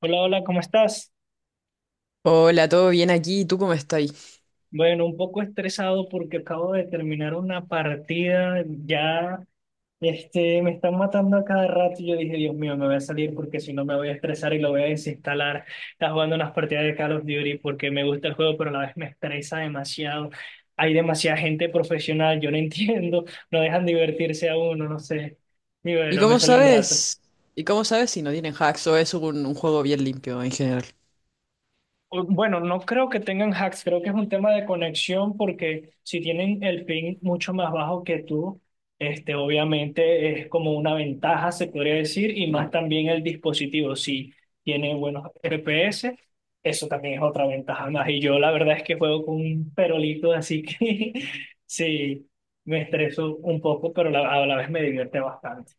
Hola, hola, ¿cómo estás? Hola, ¿todo bien aquí? ¿Y ¿Tú cómo estás? Bueno, un poco estresado porque acabo de terminar una partida, ya me están matando a cada rato y yo dije, Dios mío, me voy a salir porque si no me voy a estresar y lo voy a desinstalar. Estaba jugando unas partidas de Call of Duty porque me gusta el juego, pero a la vez me estresa demasiado. Hay demasiada gente profesional, yo no entiendo, no dejan divertirse a uno, no sé. Y ¿Y bueno, me cómo salió un rato. sabes? ¿Y cómo sabes si no tienen hacks o es un juego bien limpio en general? Bueno, no creo que tengan hacks, creo que es un tema de conexión porque si tienen el ping mucho más bajo que tú, obviamente es como una ventaja, se podría decir, y más también el dispositivo, si tiene buenos FPS, eso también es otra ventaja más. Y yo la verdad es que juego con un perolito, así que sí, me estreso un poco, pero a la vez me divierte bastante.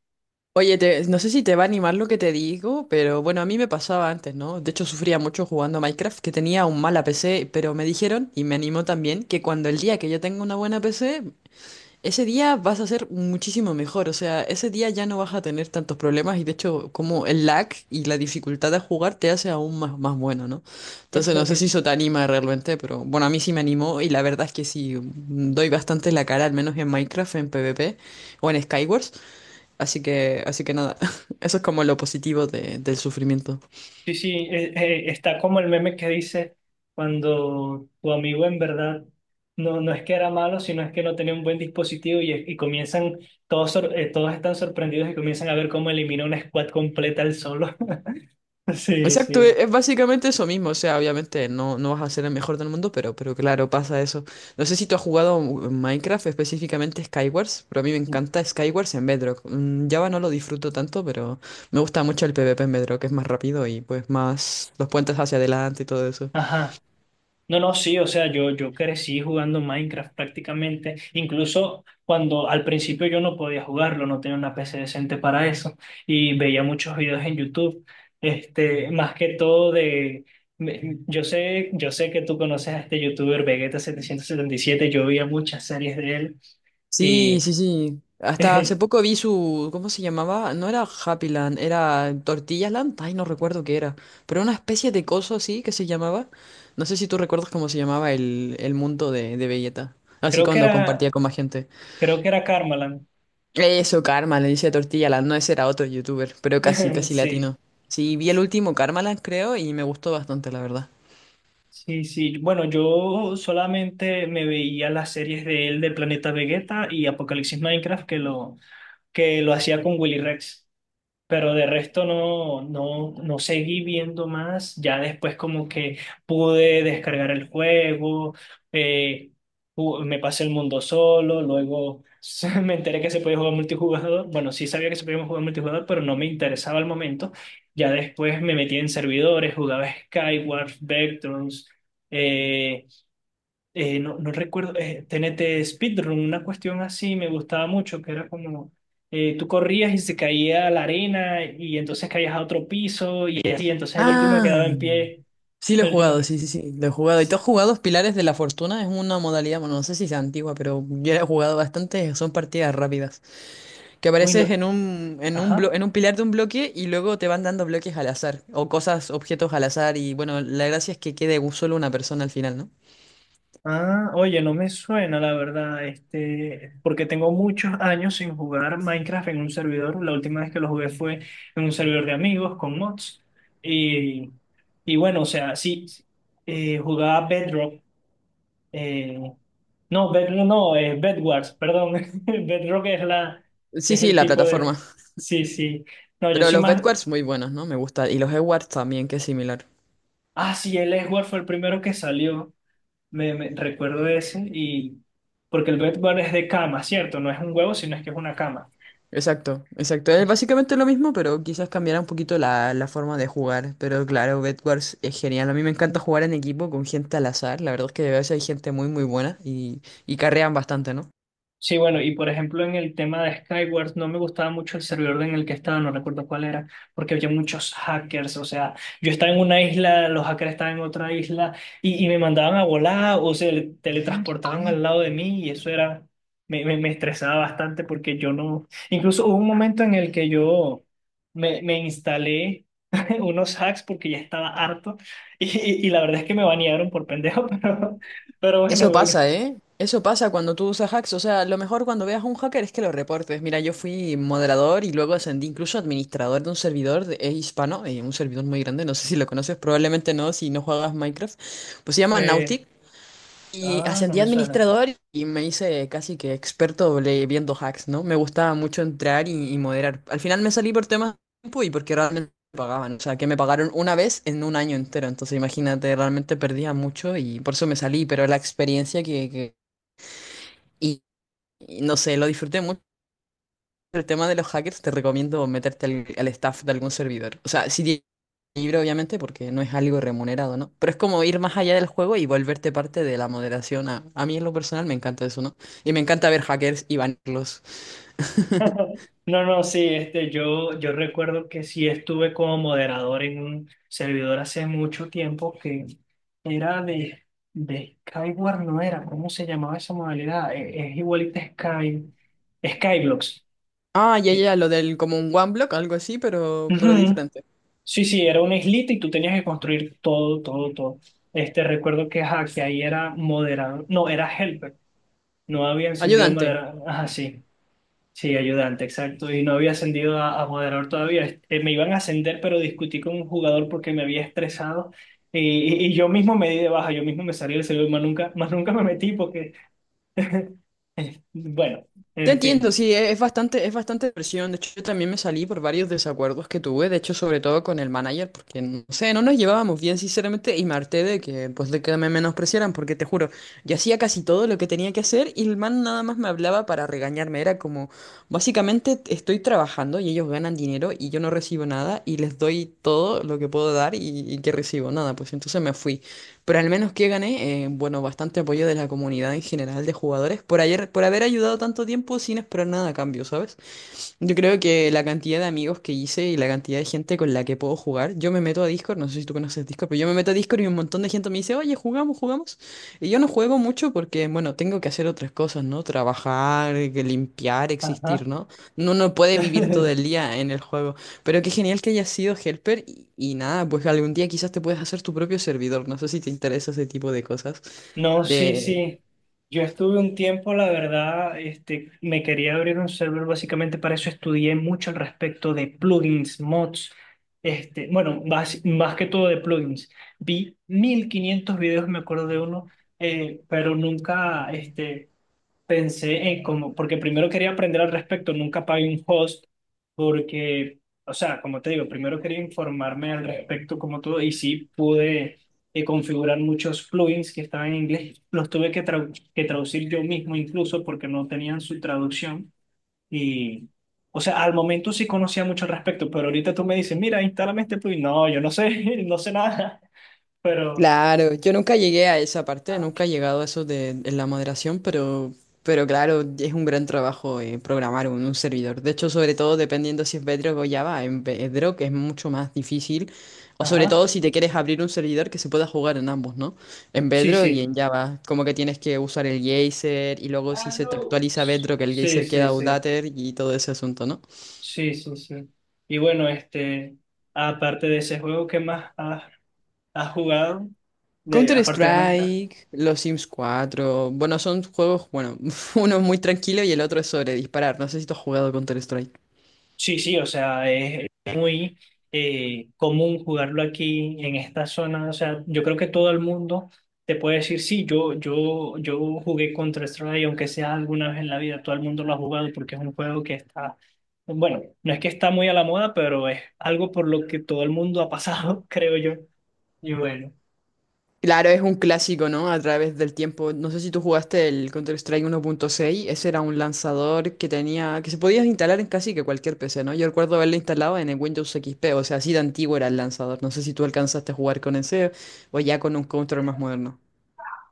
Oye, te- no sé si te va a animar lo que te digo, pero bueno, a mí me pasaba antes, ¿no? De hecho, sufría mucho jugando a Minecraft, que tenía un mala PC, pero me dijeron, y me animó también, que cuando el día que yo tenga una buena PC, ese día vas a ser muchísimo mejor, o sea, ese día ya no vas a tener tantos problemas y de hecho como el lag y la dificultad de jugar te hace aún más bueno, ¿no? Entonces no sé si eso te anima realmente, pero bueno, a mí sí me animó y la verdad es que sí, doy bastante la cara, al menos en Minecraft, en PvP o en Skywars, así que nada, eso es como lo positivo de- del sufrimiento. Sí, sí, está como el meme que dice cuando tu amigo en verdad no, no es que era malo, sino es que no tenía un buen dispositivo y comienzan, todos, todos están sorprendidos y comienzan a ver cómo elimina una squad completa el solo. Sí, Exacto, sí. e- es básicamente eso mismo, o sea, obviamente no vas a ser el mejor del mundo, pero claro, pasa eso. No sé si tú has jugado en Minecraft, específicamente Skywars, pero a mí me encanta Skywars en Bedrock. Mm, Java no lo disfruto tanto, pero me gusta mucho el PvP en Bedrock, es más rápido y pues más los puentes hacia adelante y todo eso. Ajá. No, no, sí, o sea, yo crecí jugando Minecraft prácticamente, incluso cuando al principio yo no podía jugarlo, no tenía una PC decente para eso, y veía muchos videos en YouTube, más que todo de, yo sé que tú conoces a este youtuber vegeta 777, yo veía muchas series de él, Sí, y sí, sí. Hasta hace poco vi su, ¿cómo se llamaba? No era Happy Land, era Tortilla Land. Ay, no recuerdo qué era. Pero una especie de coso así que se llamaba. No sé si tú recuerdas cómo se llamaba el mundo de Vegeta. Así creo que cuando compartía era, con más gente. creo que era Karmaland, Eso, Karma, le dice Tortilla Land. No, ese era otro youtuber, pero casi, casi latino. sí. Sí, vi el último Karma Land, creo, y me gustó bastante, la verdad. Sí, sí. Bueno, yo solamente me veía las series de él de Planeta Vegeta y Apocalipsis Minecraft que lo hacía con Willy Rex. Pero de resto no, no, no seguí viendo más. Ya después como que pude descargar el juego, eh, me pasé el mundo solo, luego me enteré que se podía jugar multijugador. Bueno, sí sabía que se podía jugar multijugador, pero no me interesaba al momento. Ya después me metí en servidores, jugaba Skyward, Vectrons, eh, no, no recuerdo, TNT Speedrun, una cuestión así me gustaba mucho, que era como tú corrías y se caía a la arena y entonces caías a otro piso y así, entonces el último que Ah. quedaba en pie, Sí, lo he el último jugado, que... sí, sí, sí, lo he jugado. ¿Y tú has jugado Pilares de la Fortuna? Es una modalidad, bueno, no sé si sea antigua, pero yo la he jugado bastante, son partidas rápidas, que Uy, apareces no. Blo- Ajá. en un pilar de un bloque y luego te van dando bloques al azar, o cosas, objetos al azar, y bueno, la gracia es que quede un- solo una persona al final, ¿no? Ah, oye, no me suena la verdad, porque tengo muchos años sin jugar Minecraft en un servidor. La última vez que lo jugué fue en un servidor de amigos con mods. Y, y bueno, o sea, sí, jugaba Bedrock. eh, No, es Bedwars, perdón. Bedrock es la, Sí, es sí, el la tipo plataforma. de. Sí, sí. No, yo Pero soy los más. Bedwars muy buenos, ¿no? Me gusta. Y los Edwards también, que es similar. Ah, sí, el Edward fue el primero que salió. Recuerdo ese y porque el Bedwars es de cama, ¿cierto? No es un huevo, sino es que es una cama. Exacto, exacto. Es básicamente lo mismo, pero quizás cambiará un poquito la forma de jugar. Pero claro, Bedwars es genial. A mí me encanta jugar en equipo con gente al azar. La verdad es que a veces hay gente muy buena y carrean bastante, ¿no? Sí, bueno, y por ejemplo en el tema de Skyward no me gustaba mucho el servidor en el que estaba, no recuerdo cuál era, porque había muchos hackers, o sea, yo estaba en una isla, los hackers estaban en otra isla y me mandaban a volar o se teletransportaban al lado de mí y eso era, me estresaba bastante porque yo no, incluso hubo un momento en el que yo me instalé unos hacks porque ya estaba harto y la verdad es que me banearon por pendejo, pero bueno, Eso duro. pasa, ¿eh? Eso pasa cuando tú usas hacks. O sea, lo mejor cuando veas a un hacker es que lo reportes. Mira, yo fui moderador y luego ascendí incluso a administrador de un servidor de- hispano, un servidor muy grande. No sé si lo conoces, probablemente no si no juegas Minecraft. Pues se llama Eh, Nautic. Y ah, no ascendí a me suena. administrador y me hice casi que experto le- viendo hacks, ¿no? Me gustaba mucho entrar y moderar. Al final me salí por temas de tiempo y porque realmente me pagaban. O sea, que me pagaron una vez en un año entero. Entonces, imagínate, realmente perdía mucho y por eso me salí. Pero la experiencia que. Y, y no sé, lo disfruté mucho. El tema de los hackers, te recomiendo meterte al staff de algún servidor. O sea, si libre, obviamente, porque no es algo remunerado, ¿no? Pero es como ir más allá del juego y volverte parte de la moderación. A mí en lo personal me encanta eso, ¿no? Y me encanta ver hackers y banirlos. No, no, sí, yo, yo recuerdo que sí estuve como moderador en un servidor hace mucho tiempo que era de Skyward, no era, ¿cómo se llamaba esa modalidad? Es, igualita a Sky, Skyblocks. Ah, ya, Eh, ya, lo del como un one block, algo así, pero ujú. diferente. Sí, sí, era una islita y tú tenías que construir todo, todo, todo. Recuerdo que, ajá, que ahí era moderador, no, era helper, no había encendido Ayudante. moderador, ajá, sí. Sí, ayudante, exacto. Y no había ascendido a moderador todavía. Me iban a ascender, pero discutí con un jugador porque me había estresado. Y, y yo mismo me di de baja, yo mismo me salí del servidor, más nunca, más nunca me metí porque, bueno, Te en fin. entiendo, sí, e- es bastante presión. De hecho, yo también me salí por varios desacuerdos que tuve, de hecho, sobre todo con el manager, porque no sé, no nos llevábamos bien, sinceramente, y me harté de que, pues, de que me menospreciaran, porque te juro, yo hacía casi todo lo que tenía que hacer y el man nada más me hablaba para regañarme. Era como, básicamente, estoy trabajando y ellos ganan dinero y yo no recibo nada y les doy todo lo que puedo dar y que recibo nada, pues entonces me fui. Pero al menos que gané, bueno, bastante apoyo de la comunidad en general de jugadores por ayer, por haber ayudado tanto tiempo sin esperar nada a cambio, ¿sabes? Yo creo que la cantidad de amigos que hice y la cantidad de gente con la que puedo jugar, yo me meto a Discord, no sé si tú conoces Discord, pero yo me meto a Discord y un montón de gente me dice, oye, jugamos, jugamos. Y yo no juego mucho porque, bueno, tengo que hacer otras cosas, ¿no? Trabajar, que limpiar, Ajá. existir, ¿no? No uno no puede vivir todo el día en el juego. Pero qué genial que hayas sido helper y nada, pues algún día quizás te puedes hacer tu propio servidor, no sé si te interesa ese tipo de cosas, No, sí, de sí. Yo estuve un tiempo, la verdad, me quería abrir un server básicamente para eso. Estudié mucho al respecto de plugins, mods, bueno, más que todo de plugins. Vi 1500 videos, me acuerdo de uno, pero nunca, pensé en como, porque primero quería aprender al respecto, nunca pagué un host, porque, o sea, como te digo, primero quería informarme al respecto como todo, y sí pude configurar muchos plugins que estaban en inglés, los tuve que, que traducir yo mismo incluso porque no tenían su traducción, y, o sea, al momento sí conocía mucho al respecto, pero ahorita tú me dices, mira, instálame este plugin, no, yo no sé, no sé nada, pero, Claro, yo nunca llegué a esa parte, nunca he llegado a eso de la moderación, pero claro, es un gran trabajo programar un servidor. De hecho, sobre todo dependiendo si es Bedrock o Java, en Bedrock es mucho más difícil, o sobre ajá, todo si te quieres abrir un servidor que se pueda jugar en ambos, ¿no? En sí, Bedrock y sí. en Java, como que tienes que usar el geyser y luego si Ah, se te no. actualiza Bedrock, el Sí, geyser queda sí, sí. outdated y todo ese asunto, ¿no? Sí, sí, sí. Y bueno, aparte de ese juego, ¿qué más has, has jugado? De, aparte de Minecraft. Counter-Strike, los Sims 4, bueno, son juegos, bueno, uno es muy tranquilo y el otro es sobre disparar. No sé si tú has jugado Counter-Strike. Sí, sí, o sea, es muy común jugarlo aquí en esta zona. O sea, yo creo que todo el mundo te puede decir, sí, yo jugué Counter-Strike, aunque sea alguna vez en la vida, todo el mundo lo ha jugado porque es un juego que está, bueno, no es que está muy a la moda, pero es algo por lo que todo el mundo ha pasado, creo yo. Y bueno. Claro, es un clásico, ¿no? A través del tiempo. No sé si tú jugaste el Counter-Strike 1.6. Ese era un lanzador que tenía, que se podía instalar en casi que cualquier PC, ¿no? Yo recuerdo haberlo instalado en el Windows XP, o sea, así de antiguo era el lanzador. No sé si tú alcanzaste a jugar con ese o ya con un Counter más moderno.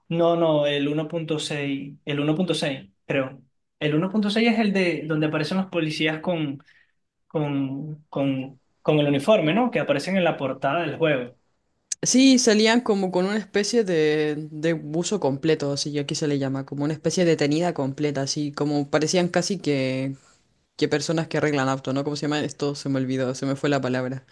No, no, el uno punto seis, el uno punto seis, creo. El uno punto seis es el de donde aparecen los policías con, con el uniforme, ¿no? Que aparecen en la portada del juego. Sí, salían como con una especie de buzo completo, así que aquí se le llama, como una especie de tenida completa, así como parecían casi que personas que arreglan auto, ¿no? ¿Cómo se llama esto? Se me olvidó, se me fue la palabra.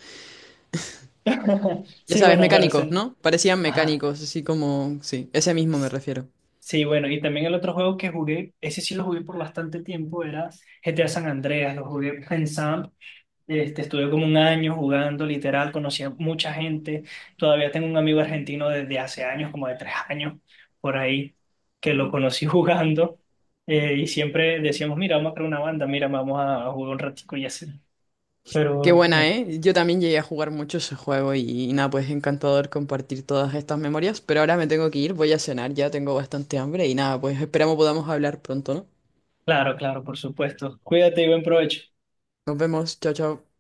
Ya Sí, sabes, bueno, pero mecánicos, sí. ¿no? Parecían Ajá. mecánicos, así como, sí, ese mismo me refiero. Sí, bueno, y también el otro juego que jugué, ese sí lo jugué por bastante tiempo, era GTA San Andreas, lo jugué pensando. Estuve como 1 año jugando, literal, conocí a mucha gente. Todavía tengo un amigo argentino desde hace años, como de 3 años, por ahí, que lo conocí jugando. Y siempre decíamos, mira, vamos a crear una banda, mira, a jugar un ratico y así. Qué Pero, buena, ¿eh? Yo también llegué a jugar mucho ese juego y nada, pues encantador compartir todas estas memorias, pero ahora me tengo que ir, voy a cenar, ya tengo bastante hambre y nada, pues esperamos podamos hablar pronto, ¿no? claro, claro, por supuesto. Cuídate y buen provecho. Nos vemos, chao, chao.